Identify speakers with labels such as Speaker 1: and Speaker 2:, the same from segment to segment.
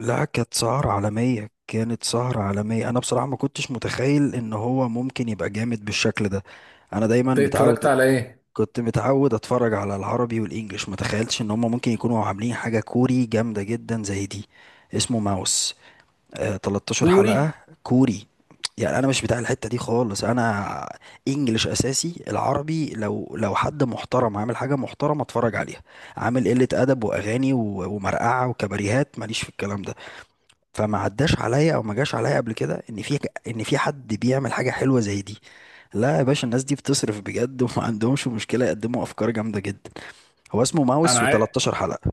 Speaker 1: لا، كانت سهرة عالمية، كانت سهرة عالمية. أنا بصراحة ما كنتش متخيل إن هو ممكن يبقى جامد بالشكل ده. أنا دايما
Speaker 2: انت اتفرجت
Speaker 1: متعود،
Speaker 2: على ايه؟
Speaker 1: كنت متعود أتفرج على العربي والإنجليش. ما تخيلتش إن هما ممكن يكونوا عاملين حاجة كوري جامدة جدا زي دي. اسمه ماوس. آه، 13
Speaker 2: كوري.
Speaker 1: حلقة. كوري. يعني أنا مش بتاع الحتة دي خالص. أنا إنجليش أساسي، العربي لو حد محترم عامل حاجة محترمة أتفرج عليها. عامل قلة أدب وأغاني ومرقعة وكباريهات، ماليش في الكلام ده. فما عداش عليا او ما جاش عليا قبل كده ان في حد بيعمل حاجه حلوه زي دي. لا يا باشا، الناس دي بتصرف بجد وما عندهمش مشكله يقدموا افكار جامده جدا. هو اسمه
Speaker 2: انا
Speaker 1: ماوس
Speaker 2: عاي...
Speaker 1: و13 حلقه.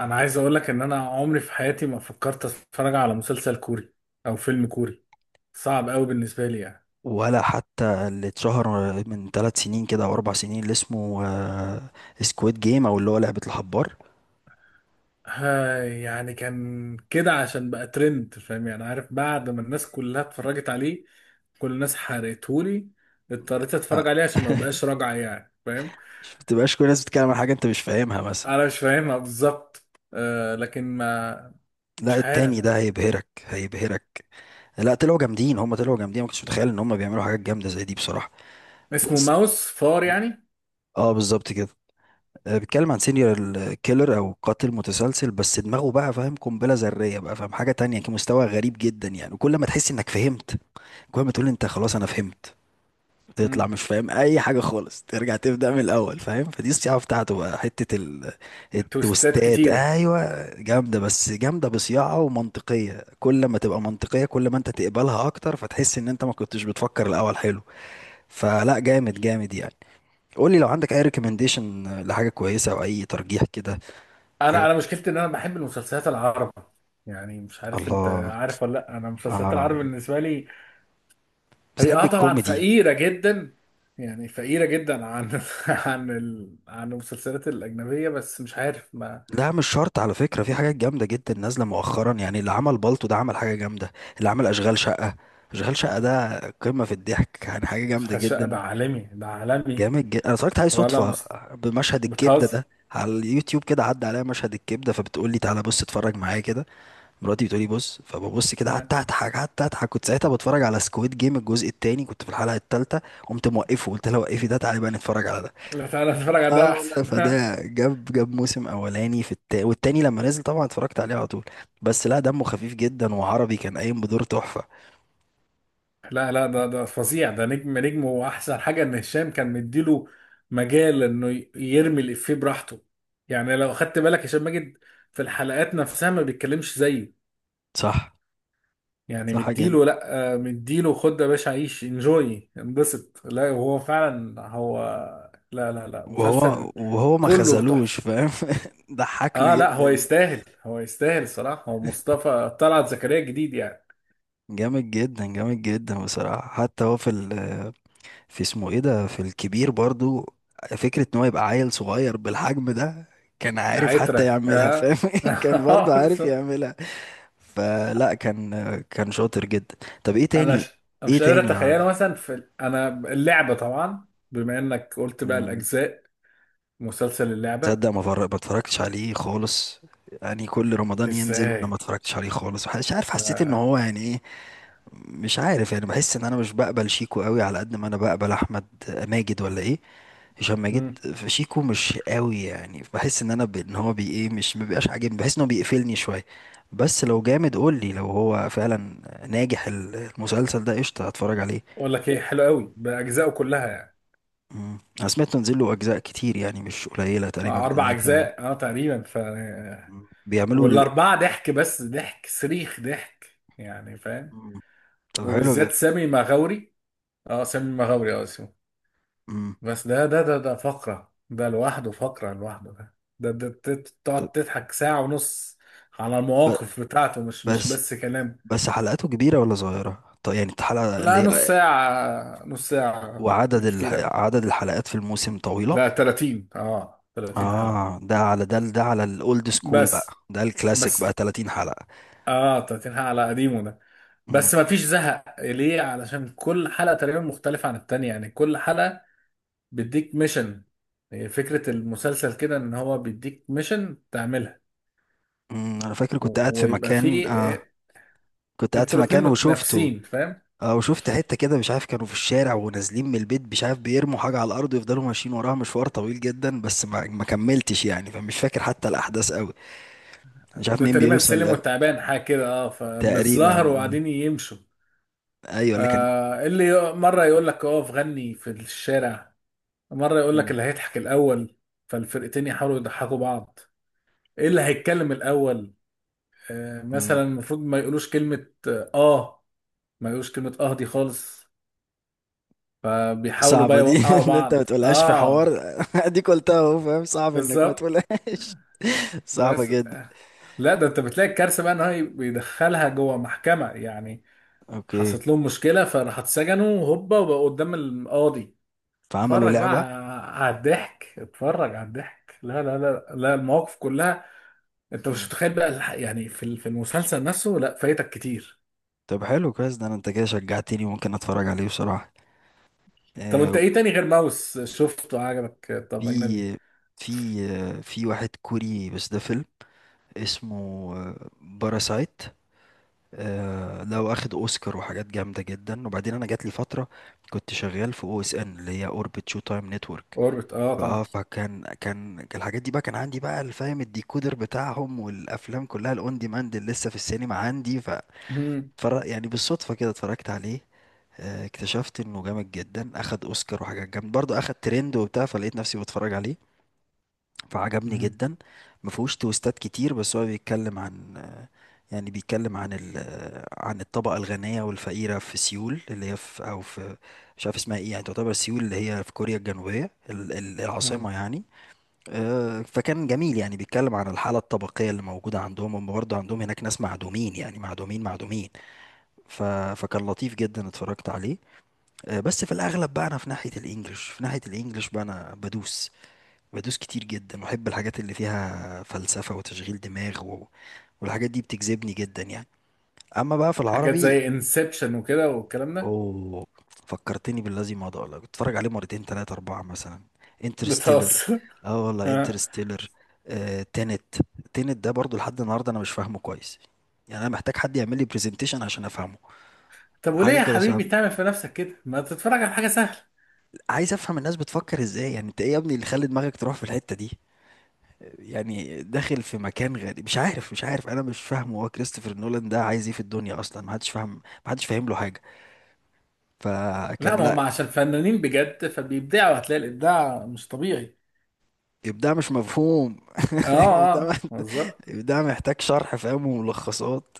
Speaker 2: انا عايز اقول لك ان انا عمري في حياتي ما فكرت اتفرج على مسلسل كوري او فيلم كوري. صعب قوي بالنسبه لي يعني.
Speaker 1: ولا حتى اللي اتشهر من 3 سنين كده او 4 سنين اللي اسمه سكويد جيم او اللي هو لعبه الحبار.
Speaker 2: ها يعني كان كده عشان بقى ترند، فاهم يعني، عارف، بعد ما الناس كلها اتفرجت عليه كل الناس حرقته لي. اضطريت
Speaker 1: آه.
Speaker 2: اتفرج عليه عشان ما بقاش راجعه يعني، فاهم.
Speaker 1: ما تبقاش كل الناس بتتكلم عن حاجه انت مش فاهمها مثلا.
Speaker 2: انا مش فاهمها بالظبط. آه لكن ما،
Speaker 1: لا،
Speaker 2: مش عارف.
Speaker 1: التاني ده هيبهرك هيبهرك. لا، طلعوا جامدين، هم طلعوا جامدين. ما كنتش متخيل ان هم بيعملوا حاجات جامده زي دي بصراحه.
Speaker 2: اسمه
Speaker 1: بس
Speaker 2: ماوس، فار يعني.
Speaker 1: اه، بالظبط كده. بيتكلم عن سينيور كيلر او قاتل متسلسل، بس دماغه بقى فاهم قنبله ذريه بقى فاهم حاجه تانية. كان مستوى غريب جدا يعني. وكل ما تحس انك فهمت، كل ما تقول انت خلاص انا فهمت، تطلع
Speaker 2: مم.
Speaker 1: مش فاهم اي حاجه خالص، ترجع تبدا من الاول فاهم. فدي الصياعه بتاعته. بقى حته
Speaker 2: تويستات
Speaker 1: التوستات،
Speaker 2: كتيره.
Speaker 1: ايوه جامده، بس جامده بصياعه ومنطقيه. كل ما تبقى منطقيه كل ما انت تقبلها اكتر، فتحس ان انت ما كنتش بتفكر الاول، حلو. فلا، جامد جامد يعني. قول لي لو عندك اي ريكومنديشن لحاجه كويسه او اي ترجيح كده.
Speaker 2: انا
Speaker 1: حاجة.
Speaker 2: انا مشكلتي ان انا بحب المسلسلات العربي. يعني مش عارف انت
Speaker 1: الله.
Speaker 2: عارف ولا لا، انا المسلسلات
Speaker 1: آه.
Speaker 2: العربي بالنسبه لي هي
Speaker 1: بتحب
Speaker 2: اه طبعا
Speaker 1: الكوميدي؟
Speaker 2: فقيره جدا. يعني فقيره جدا عن عن المسلسلات الاجنبيه، بس مش عارف ما.
Speaker 1: لا، مش شرط على فكرة، في حاجات جامدة جدا نازلة مؤخرا يعني. اللي عمل بالطو ده عمل حاجة جامدة. اللي عمل أشغال شقة، أشغال شقة ده قمة في الضحك، يعني حاجة جامدة
Speaker 2: ده
Speaker 1: جدا.
Speaker 2: عالمي، ده عالمي.
Speaker 1: جامد جدا، أنا اتفرجت عليه
Speaker 2: ولا
Speaker 1: صدفة
Speaker 2: مست...
Speaker 1: بمشهد الكبدة ده
Speaker 2: بتهزر.
Speaker 1: على اليوتيوب كده. عدى عليا مشهد الكبدة فبتقول لي تعالى بص اتفرج معايا كده، مراتي بتقول لي بص، فببص كده، قعدت
Speaker 2: ها،
Speaker 1: أضحك قعدت أضحك. كنت ساعتها بتفرج على سكويد جيم الجزء التاني، كنت في الحلقة التالتة، قمت موقفه، قلت لها وقفي ده، تعالي بقى نتفرج على ده.
Speaker 2: لا تعالى نتفرج على
Speaker 1: اه
Speaker 2: ده
Speaker 1: والله،
Speaker 2: احسن.
Speaker 1: فده جاب موسم اولاني والتاني لما نزل طبعا اتفرجت عليه على طول. بس لا، دمه خفيف جدا، وعربي كان قايم بدور تحفة.
Speaker 2: لا لا، ده فظيع، ده نجم نجم، واحسن حاجه ان هشام كان مديله مجال انه يرمي الافيه براحته. يعني لو خدت بالك هشام ماجد في الحلقات نفسها ما بيتكلمش زيه.
Speaker 1: صح.
Speaker 2: يعني
Speaker 1: صح جدا.
Speaker 2: مديله، لا آه، مديله خد يا باشا عيش انجوي انبسط. لا هو فعلا هو. لا لا لا،
Speaker 1: وهو
Speaker 2: مسلسل
Speaker 1: وهو ما
Speaker 2: كله تحفه.
Speaker 1: خذلوش فاهم. ضحكنا
Speaker 2: اه لا
Speaker 1: جدا
Speaker 2: هو
Speaker 1: يعني.
Speaker 2: يستاهل، هو يستاهل الصراحه، هو مصطفى طلعت زكريا الجديد يعني.
Speaker 1: جامد جدا، جامد جدا بصراحة. حتى هو في اسمه ايه ده، في الكبير برضو، فكرة ان هو يبقى عيل صغير بالحجم ده، كان عارف حتى
Speaker 2: عترة
Speaker 1: يعملها
Speaker 2: اه.
Speaker 1: فاهم. كان برضو عارف يعملها. فلا كان، كان شاطر جدا. طب ايه
Speaker 2: انا
Speaker 1: تاني؟
Speaker 2: ش... أنا
Speaker 1: ايه
Speaker 2: مش قادر
Speaker 1: تاني
Speaker 2: اتخيله
Speaker 1: عربي؟
Speaker 2: مثلا انا اللعبه طبعا، بما انك قلت بقى
Speaker 1: مم،
Speaker 2: الاجزاء. مسلسل اللعبه.
Speaker 1: تصدق ما اتفرجتش عليه خالص. يعني كل رمضان ينزل وانا ما
Speaker 2: ازاي؟
Speaker 1: اتفرجتش عليه خالص. مش عارف، حسيت ان
Speaker 2: ف-
Speaker 1: هو يعني ايه، مش عارف. يعني بحس ان انا مش بقبل شيكو قوي على قد ما انا بقبل احمد ماجد، ولا ايه؟ هشام ماجد.
Speaker 2: مم.
Speaker 1: في شيكو مش قوي يعني، بحس ان انا ان هو بي ايه، مش مبيبقاش عاجبني، بحس ان هو بيقفلني شويه. بس لو جامد قول لي، لو هو فعلا ناجح المسلسل ده، قشطه هتفرج عليه.
Speaker 2: اقول لك ايه، حلو قوي باجزائه كلها يعني.
Speaker 1: مم. انا سمعت نزل له اجزاء كتير يعني مش قليله، تقريبا
Speaker 2: مع اربع
Speaker 1: ثلاثه.
Speaker 2: اجزاء اه تقريبا ف.
Speaker 1: بيعملوا
Speaker 2: والاربعه ضحك، بس ضحك صريخ ضحك يعني، فاهم.
Speaker 1: مم. طب حلو جدا.
Speaker 2: وبالذات سامي مغاوري. اه سامي مغاوري، اه اسمه.
Speaker 1: مم.
Speaker 2: بس ده فقرة، ده لوحده فقرة لوحده ده. ده
Speaker 1: طب
Speaker 2: تقعد تضحك ساعة ونص على
Speaker 1: ب...
Speaker 2: المواقف بتاعته، مش
Speaker 1: بس
Speaker 2: بس كلام.
Speaker 1: بس حلقاته كبيره ولا صغيره؟ طب يعني الحلقه
Speaker 2: لا
Speaker 1: اللي
Speaker 2: نص ساعة، نص ساعة
Speaker 1: وعدد
Speaker 2: بالكتير أوي.
Speaker 1: عدد الحلقات في الموسم طويله.
Speaker 2: لا 30، 30 حلقة،
Speaker 1: اه، ده على ده، ده على الاولد سكول بقى،
Speaker 2: بس
Speaker 1: ده الكلاسيك بقى،
Speaker 2: بس
Speaker 1: 30 حلقه.
Speaker 2: اه 30 حلقة على قديمه ده.
Speaker 1: مم.
Speaker 2: بس ما فيش زهق ليه علشان كل حلقة تقريبا مختلفة عن التانية، يعني كل حلقة بيديك ميشن. فكرة المسلسل كده ان هو بيديك ميشن تعملها
Speaker 1: مم. انا فاكر كنت قاعد في
Speaker 2: ويبقى
Speaker 1: مكان.
Speaker 2: فيه
Speaker 1: آه. كنت قاعد
Speaker 2: انتوا
Speaker 1: في
Speaker 2: الاتنين
Speaker 1: مكان وشفته.
Speaker 2: متنافسين، فاهم.
Speaker 1: اه، وشفت حتة كده مش عارف، كانوا في الشارع ونازلين من البيت مش عارف، بيرموا حاجة على الأرض ويفضلوا ماشيين وراها مشوار طويل جدا. بس ما، ما كملتش يعني، فمش فاكر حتى الأحداث قوي. مش عارف
Speaker 2: ده
Speaker 1: مين
Speaker 2: تقريبا
Speaker 1: بيوصل.
Speaker 2: السلم
Speaker 1: آه،
Speaker 2: والتعبان حاجه كده، اه
Speaker 1: تقريبا.
Speaker 2: فبالظهر
Speaker 1: آه.
Speaker 2: وقاعدين يمشوا.
Speaker 1: أيوه اللي كان.
Speaker 2: آه اللي مره يقول لك اقف غني في الشارع، مره يقول لك
Speaker 1: مم.
Speaker 2: اللي هيضحك الاول، فالفرقتين يحاولوا يضحكوا بعض. ايه اللي هيتكلم الاول. آه
Speaker 1: مم.
Speaker 2: مثلا المفروض ما يقولوش كلمه اه، آه، ما يقولوش كلمه اه دي خالص. فبيحاولوا بقى
Speaker 1: صعبة دي.
Speaker 2: يوقعوا
Speaker 1: إن أنت ما
Speaker 2: بعض،
Speaker 1: تقولهاش في حوار!
Speaker 2: اه.
Speaker 1: أديك قلتها أهو فاهم، صعب إنك ما
Speaker 2: بالظبط.
Speaker 1: تقولهاش. صعبة
Speaker 2: بس
Speaker 1: جدا.
Speaker 2: آه، لا ده انت بتلاقي الكارثه بقى ان هو بيدخلها جوه محكمه يعني.
Speaker 1: أوكي.
Speaker 2: حصلت لهم مشكلة فراحوا اتسجنوا هوبا وبقوا قدام القاضي.
Speaker 1: فعملوا
Speaker 2: اتفرج بقى
Speaker 1: لعبة.
Speaker 2: على الضحك، اتفرج على الضحك. لا لا لا لا، المواقف كلها انت مش
Speaker 1: مم.
Speaker 2: متخيل بقى يعني في المسلسل نفسه، لا فايتك كتير.
Speaker 1: طب حلو، كويس ده. أنا أنت كده شجعتني، ممكن أتفرج عليه بصراحة.
Speaker 2: طب انت
Speaker 1: آه.
Speaker 2: ايه تاني غير ماوس شفته عجبك؟
Speaker 1: في،
Speaker 2: طب اجنبي.
Speaker 1: في، آه، في واحد كوري بس ده فيلم، اسمه باراسايت. ده واخد اوسكار وحاجات جامده جدا. وبعدين انا جات لي فتره كنت شغال في او اس ان، اللي هي اوربت شو تايم نتورك،
Speaker 2: اوربت، اه
Speaker 1: فاه،
Speaker 2: طبعا.
Speaker 1: فكان كان كان الحاجات دي بقى، كان عندي بقى الفاهم الديكودر بتاعهم، والافلام كلها الاون ديماند اللي لسه في السينما عندي. ف
Speaker 2: مهم.
Speaker 1: يعني بالصدفه كده اتفرجت عليه. آه، اكتشفت انه جامد جدا، اخد اوسكار وحاجات جامده برضه، اخد ترند وبتاع، فلقيت نفسي بتفرج عليه فعجبني
Speaker 2: مهم.
Speaker 1: جدا. ما فيهوش تويستات كتير، بس هو بيتكلم عن، يعني بيتكلم عن عن الطبقة الغنية والفقيرة في سيول، اللي هي في أو في، مش عارف اسمها ايه يعني، تعتبر سيول اللي هي في كوريا الجنوبية
Speaker 2: مهم.
Speaker 1: العاصمة يعني. آه، فكان جميل يعني، بيتكلم عن الحالة الطبقية اللي موجودة عندهم. هم برضه عندهم هناك ناس معدومين، يعني معدومين معدومين. ف... فكان لطيف جدا، اتفرجت عليه. آه، بس في الأغلب بقى أنا في ناحية الإنجليش، في ناحية الإنجليش بقى أنا بدوس، بدوس كتير جدا، واحب الحاجات اللي فيها فلسفة وتشغيل دماغ والحاجات دي بتجذبني جدا يعني. اما بقى في
Speaker 2: حاجات
Speaker 1: العربي،
Speaker 2: زي انسبشن وكده والكلام ده.
Speaker 1: اوه، فكرتني بالذي مضى والله، كنت اتفرج عليه مرتين تلاتة اربعة مثلا. انترستيلر،
Speaker 2: بتهزر.
Speaker 1: اه والله
Speaker 2: آه.
Speaker 1: انترستيلر. آه، تينت، تينت ده برضو لحد النهاردة انا مش فاهمه كويس، يعني انا محتاج حد يعمل لي برزنتيشن عشان افهمه.
Speaker 2: طب وليه
Speaker 1: حاجة
Speaker 2: يا
Speaker 1: كده صعب،
Speaker 2: حبيبي تعمل في نفسك كده، ما تتفرج على حاجة سهلة.
Speaker 1: عايز افهم الناس بتفكر ازاي. يعني انت ايه يا ابني اللي خلى دماغك تروح في الحتة دي؟ يعني داخل في مكان غريب، مش عارف، مش عارف، انا مش فاهمه. هو كريستوفر نولان ده عايز ايه في الدنيا اصلا؟ ما حدش فاهم، ما حدش فاهم له حاجه. فكان
Speaker 2: لا، ما
Speaker 1: لا،
Speaker 2: هم عشان فنانين بجد فبيبدعوا، هتلاقي الابداع مش طبيعي.
Speaker 1: ابداع مش مفهوم.
Speaker 2: اه
Speaker 1: ابداع،
Speaker 2: اه بالظبط.
Speaker 1: ابداع محتاج شرح فاهم وملخصات.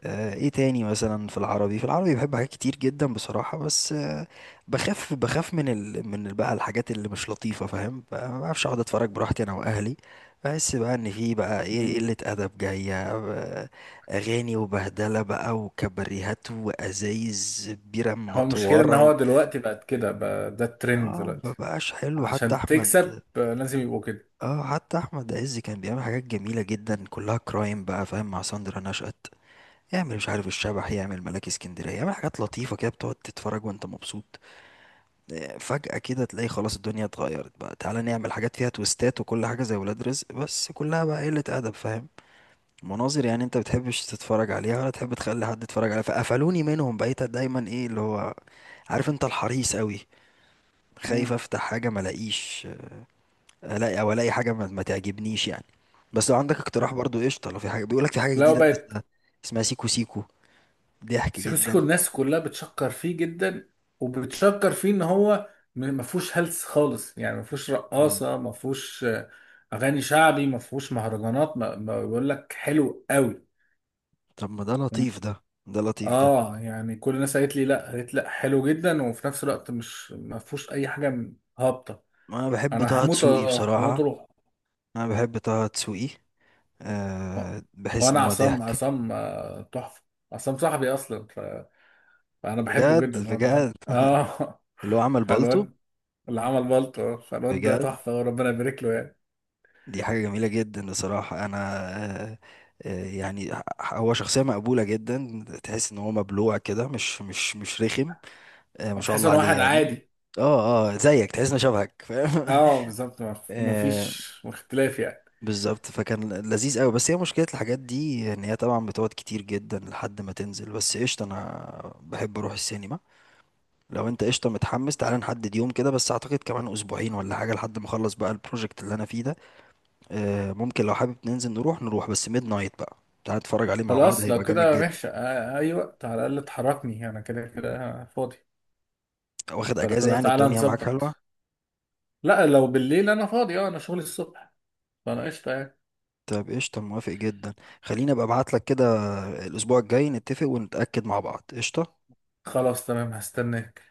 Speaker 1: آه، ايه تاني مثلا؟ في العربي، في العربي بحب حاجات كتير جدا بصراحة، بس آه، بخاف، بخاف من بقى الحاجات اللي مش لطيفة فاهم بقى، ما بعرفش اقعد اتفرج براحتي انا واهلي. بحس بقى ان في بقى ايه، إيه،
Speaker 2: مم.
Speaker 1: قلة ادب جاية، آه، اغاني وبهدلة بقى وكباريهات وازايز بيرة
Speaker 2: هو المشكله ان
Speaker 1: منطورة
Speaker 2: هو دلوقتي بقت كده بقى، ده الترند
Speaker 1: اه،
Speaker 2: دلوقتي،
Speaker 1: مبقاش حلو حتى
Speaker 2: عشان
Speaker 1: احمد.
Speaker 2: تكسب آه، لازم يبقوا كده.
Speaker 1: اه، حتى احمد عز كان بيعمل حاجات جميلة جدا كلها كرايم بقى فاهم، مع ساندرا نشأت، يعمل مش عارف الشبح، يعمل ملاك اسكندرية، يعمل حاجات لطيفة كده بتقعد تتفرج وانت مبسوط. آه، فجأة كده تلاقي خلاص الدنيا اتغيرت بقى، تعالى نعمل حاجات فيها تويستات وكل حاجة زي ولاد رزق، بس كلها بقى قلة أدب فاهم. مناظر يعني انت بتحبش تتفرج عليها ولا تحب تخلي حد يتفرج عليها، فقفلوني منهم. بقيت دايما ايه اللي هو، عارف انت، الحريص قوي، خايف
Speaker 2: مم.
Speaker 1: افتح حاجة ما الاقيش، الاقي او الاقي حاجة ما تعجبنيش يعني. بس لو عندك اقتراح برضو قشطة، لو في حاجة، بيقولك في حاجة
Speaker 2: لو
Speaker 1: جديدة نازلة اسمها،
Speaker 2: بقت.
Speaker 1: اسمها سيكو سيكو، ضحك
Speaker 2: سيكو سيكو
Speaker 1: جدا.
Speaker 2: الناس كلها بتشكر فيه جدا، وبتشكر فيه ان هو ما فيهوش هلس خالص، يعني ما فيهوش رقاصه، ما فيهوش آه، اغاني شعبي، ما فيهوش مهرجانات، ما بيقول لك حلو قوي.
Speaker 1: طب ما ده لطيف، ده ده لطيف ده.
Speaker 2: اه، يعني كل الناس قالت لي لا، قالت لا حلو جدا وفي نفس الوقت مش ما فيهوش اي حاجه هابطه.
Speaker 1: ما انا بحب
Speaker 2: انا
Speaker 1: طه
Speaker 2: هموت
Speaker 1: دسوقي
Speaker 2: آه، هموت
Speaker 1: بصراحة.
Speaker 2: اروح.
Speaker 1: انا بحب طه دسوقي.
Speaker 2: آه.
Speaker 1: أه، بحس ان
Speaker 2: وانا
Speaker 1: هو
Speaker 2: عصام،
Speaker 1: ضحك.
Speaker 2: عصام آه، تحفه. عصام صاحبي اصلا فانا بحبه جدا،
Speaker 1: بجد
Speaker 2: هو ده ها.
Speaker 1: بجد.
Speaker 2: اه.
Speaker 1: اللي هو عمل بالطو.
Speaker 2: فالواد اللي عمل بلطو، فالواد ده
Speaker 1: بجد،
Speaker 2: تحفه وربنا يبارك له يعني.
Speaker 1: دي حاجة جميلة جدا بصراحة انا. أه. آه، يعني هو شخصية مقبولة جدا، تحس ان هو مبلوع كده، مش رخم. أه، ما شاء
Speaker 2: وتحس
Speaker 1: الله
Speaker 2: ان
Speaker 1: عليه
Speaker 2: واحد
Speaker 1: يعني.
Speaker 2: عادي.
Speaker 1: اه اه، زيك، تحس انه شبهك فاهم.
Speaker 2: اه بالظبط، ما فيش اختلاف يعني.
Speaker 1: بالظبط. فكان لذيذ قوي. بس هي مشكلة الحاجات دي ان هي طبعا بتقعد كتير جدا لحد ما تنزل. بس قشطة، انا بحب اروح السينما. لو انت قشطة متحمس، تعالى نحدد يوم كده. بس اعتقد كمان اسبوعين ولا حاجة لحد ما اخلص بقى البروجكت اللي انا فيه ده. آه، ممكن لو حابب ننزل، نروح نروح بس ميد نايت بقى، تعالى نتفرج عليه مع بعض،
Speaker 2: خلاص لو
Speaker 1: هيبقى جامد
Speaker 2: كده
Speaker 1: جدا.
Speaker 2: ماشي، آه، اي وقت، على الاقل تحركني، انا كده كده فاضي.
Speaker 1: واخد
Speaker 2: فلو
Speaker 1: اجازة
Speaker 2: كده
Speaker 1: يعني،
Speaker 2: تعالى
Speaker 1: الدنيا معاك حلوة.
Speaker 2: نظبط. لا لو بالليل انا فاضي، اه انا شغلي الصبح، فانا قشطه يعني.
Speaker 1: طيب قشطة، موافق جدا. خليني ابقى ابعت لك كده الاسبوع الجاي، نتفق ونتأكد مع بعض قشطة.
Speaker 2: خلاص تمام، هستناك.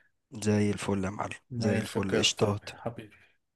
Speaker 1: زي الفل يا معلم، زي
Speaker 2: ماشي
Speaker 1: الفل
Speaker 2: اوكي يا صاحبي
Speaker 1: قشطات.
Speaker 2: حبيبي.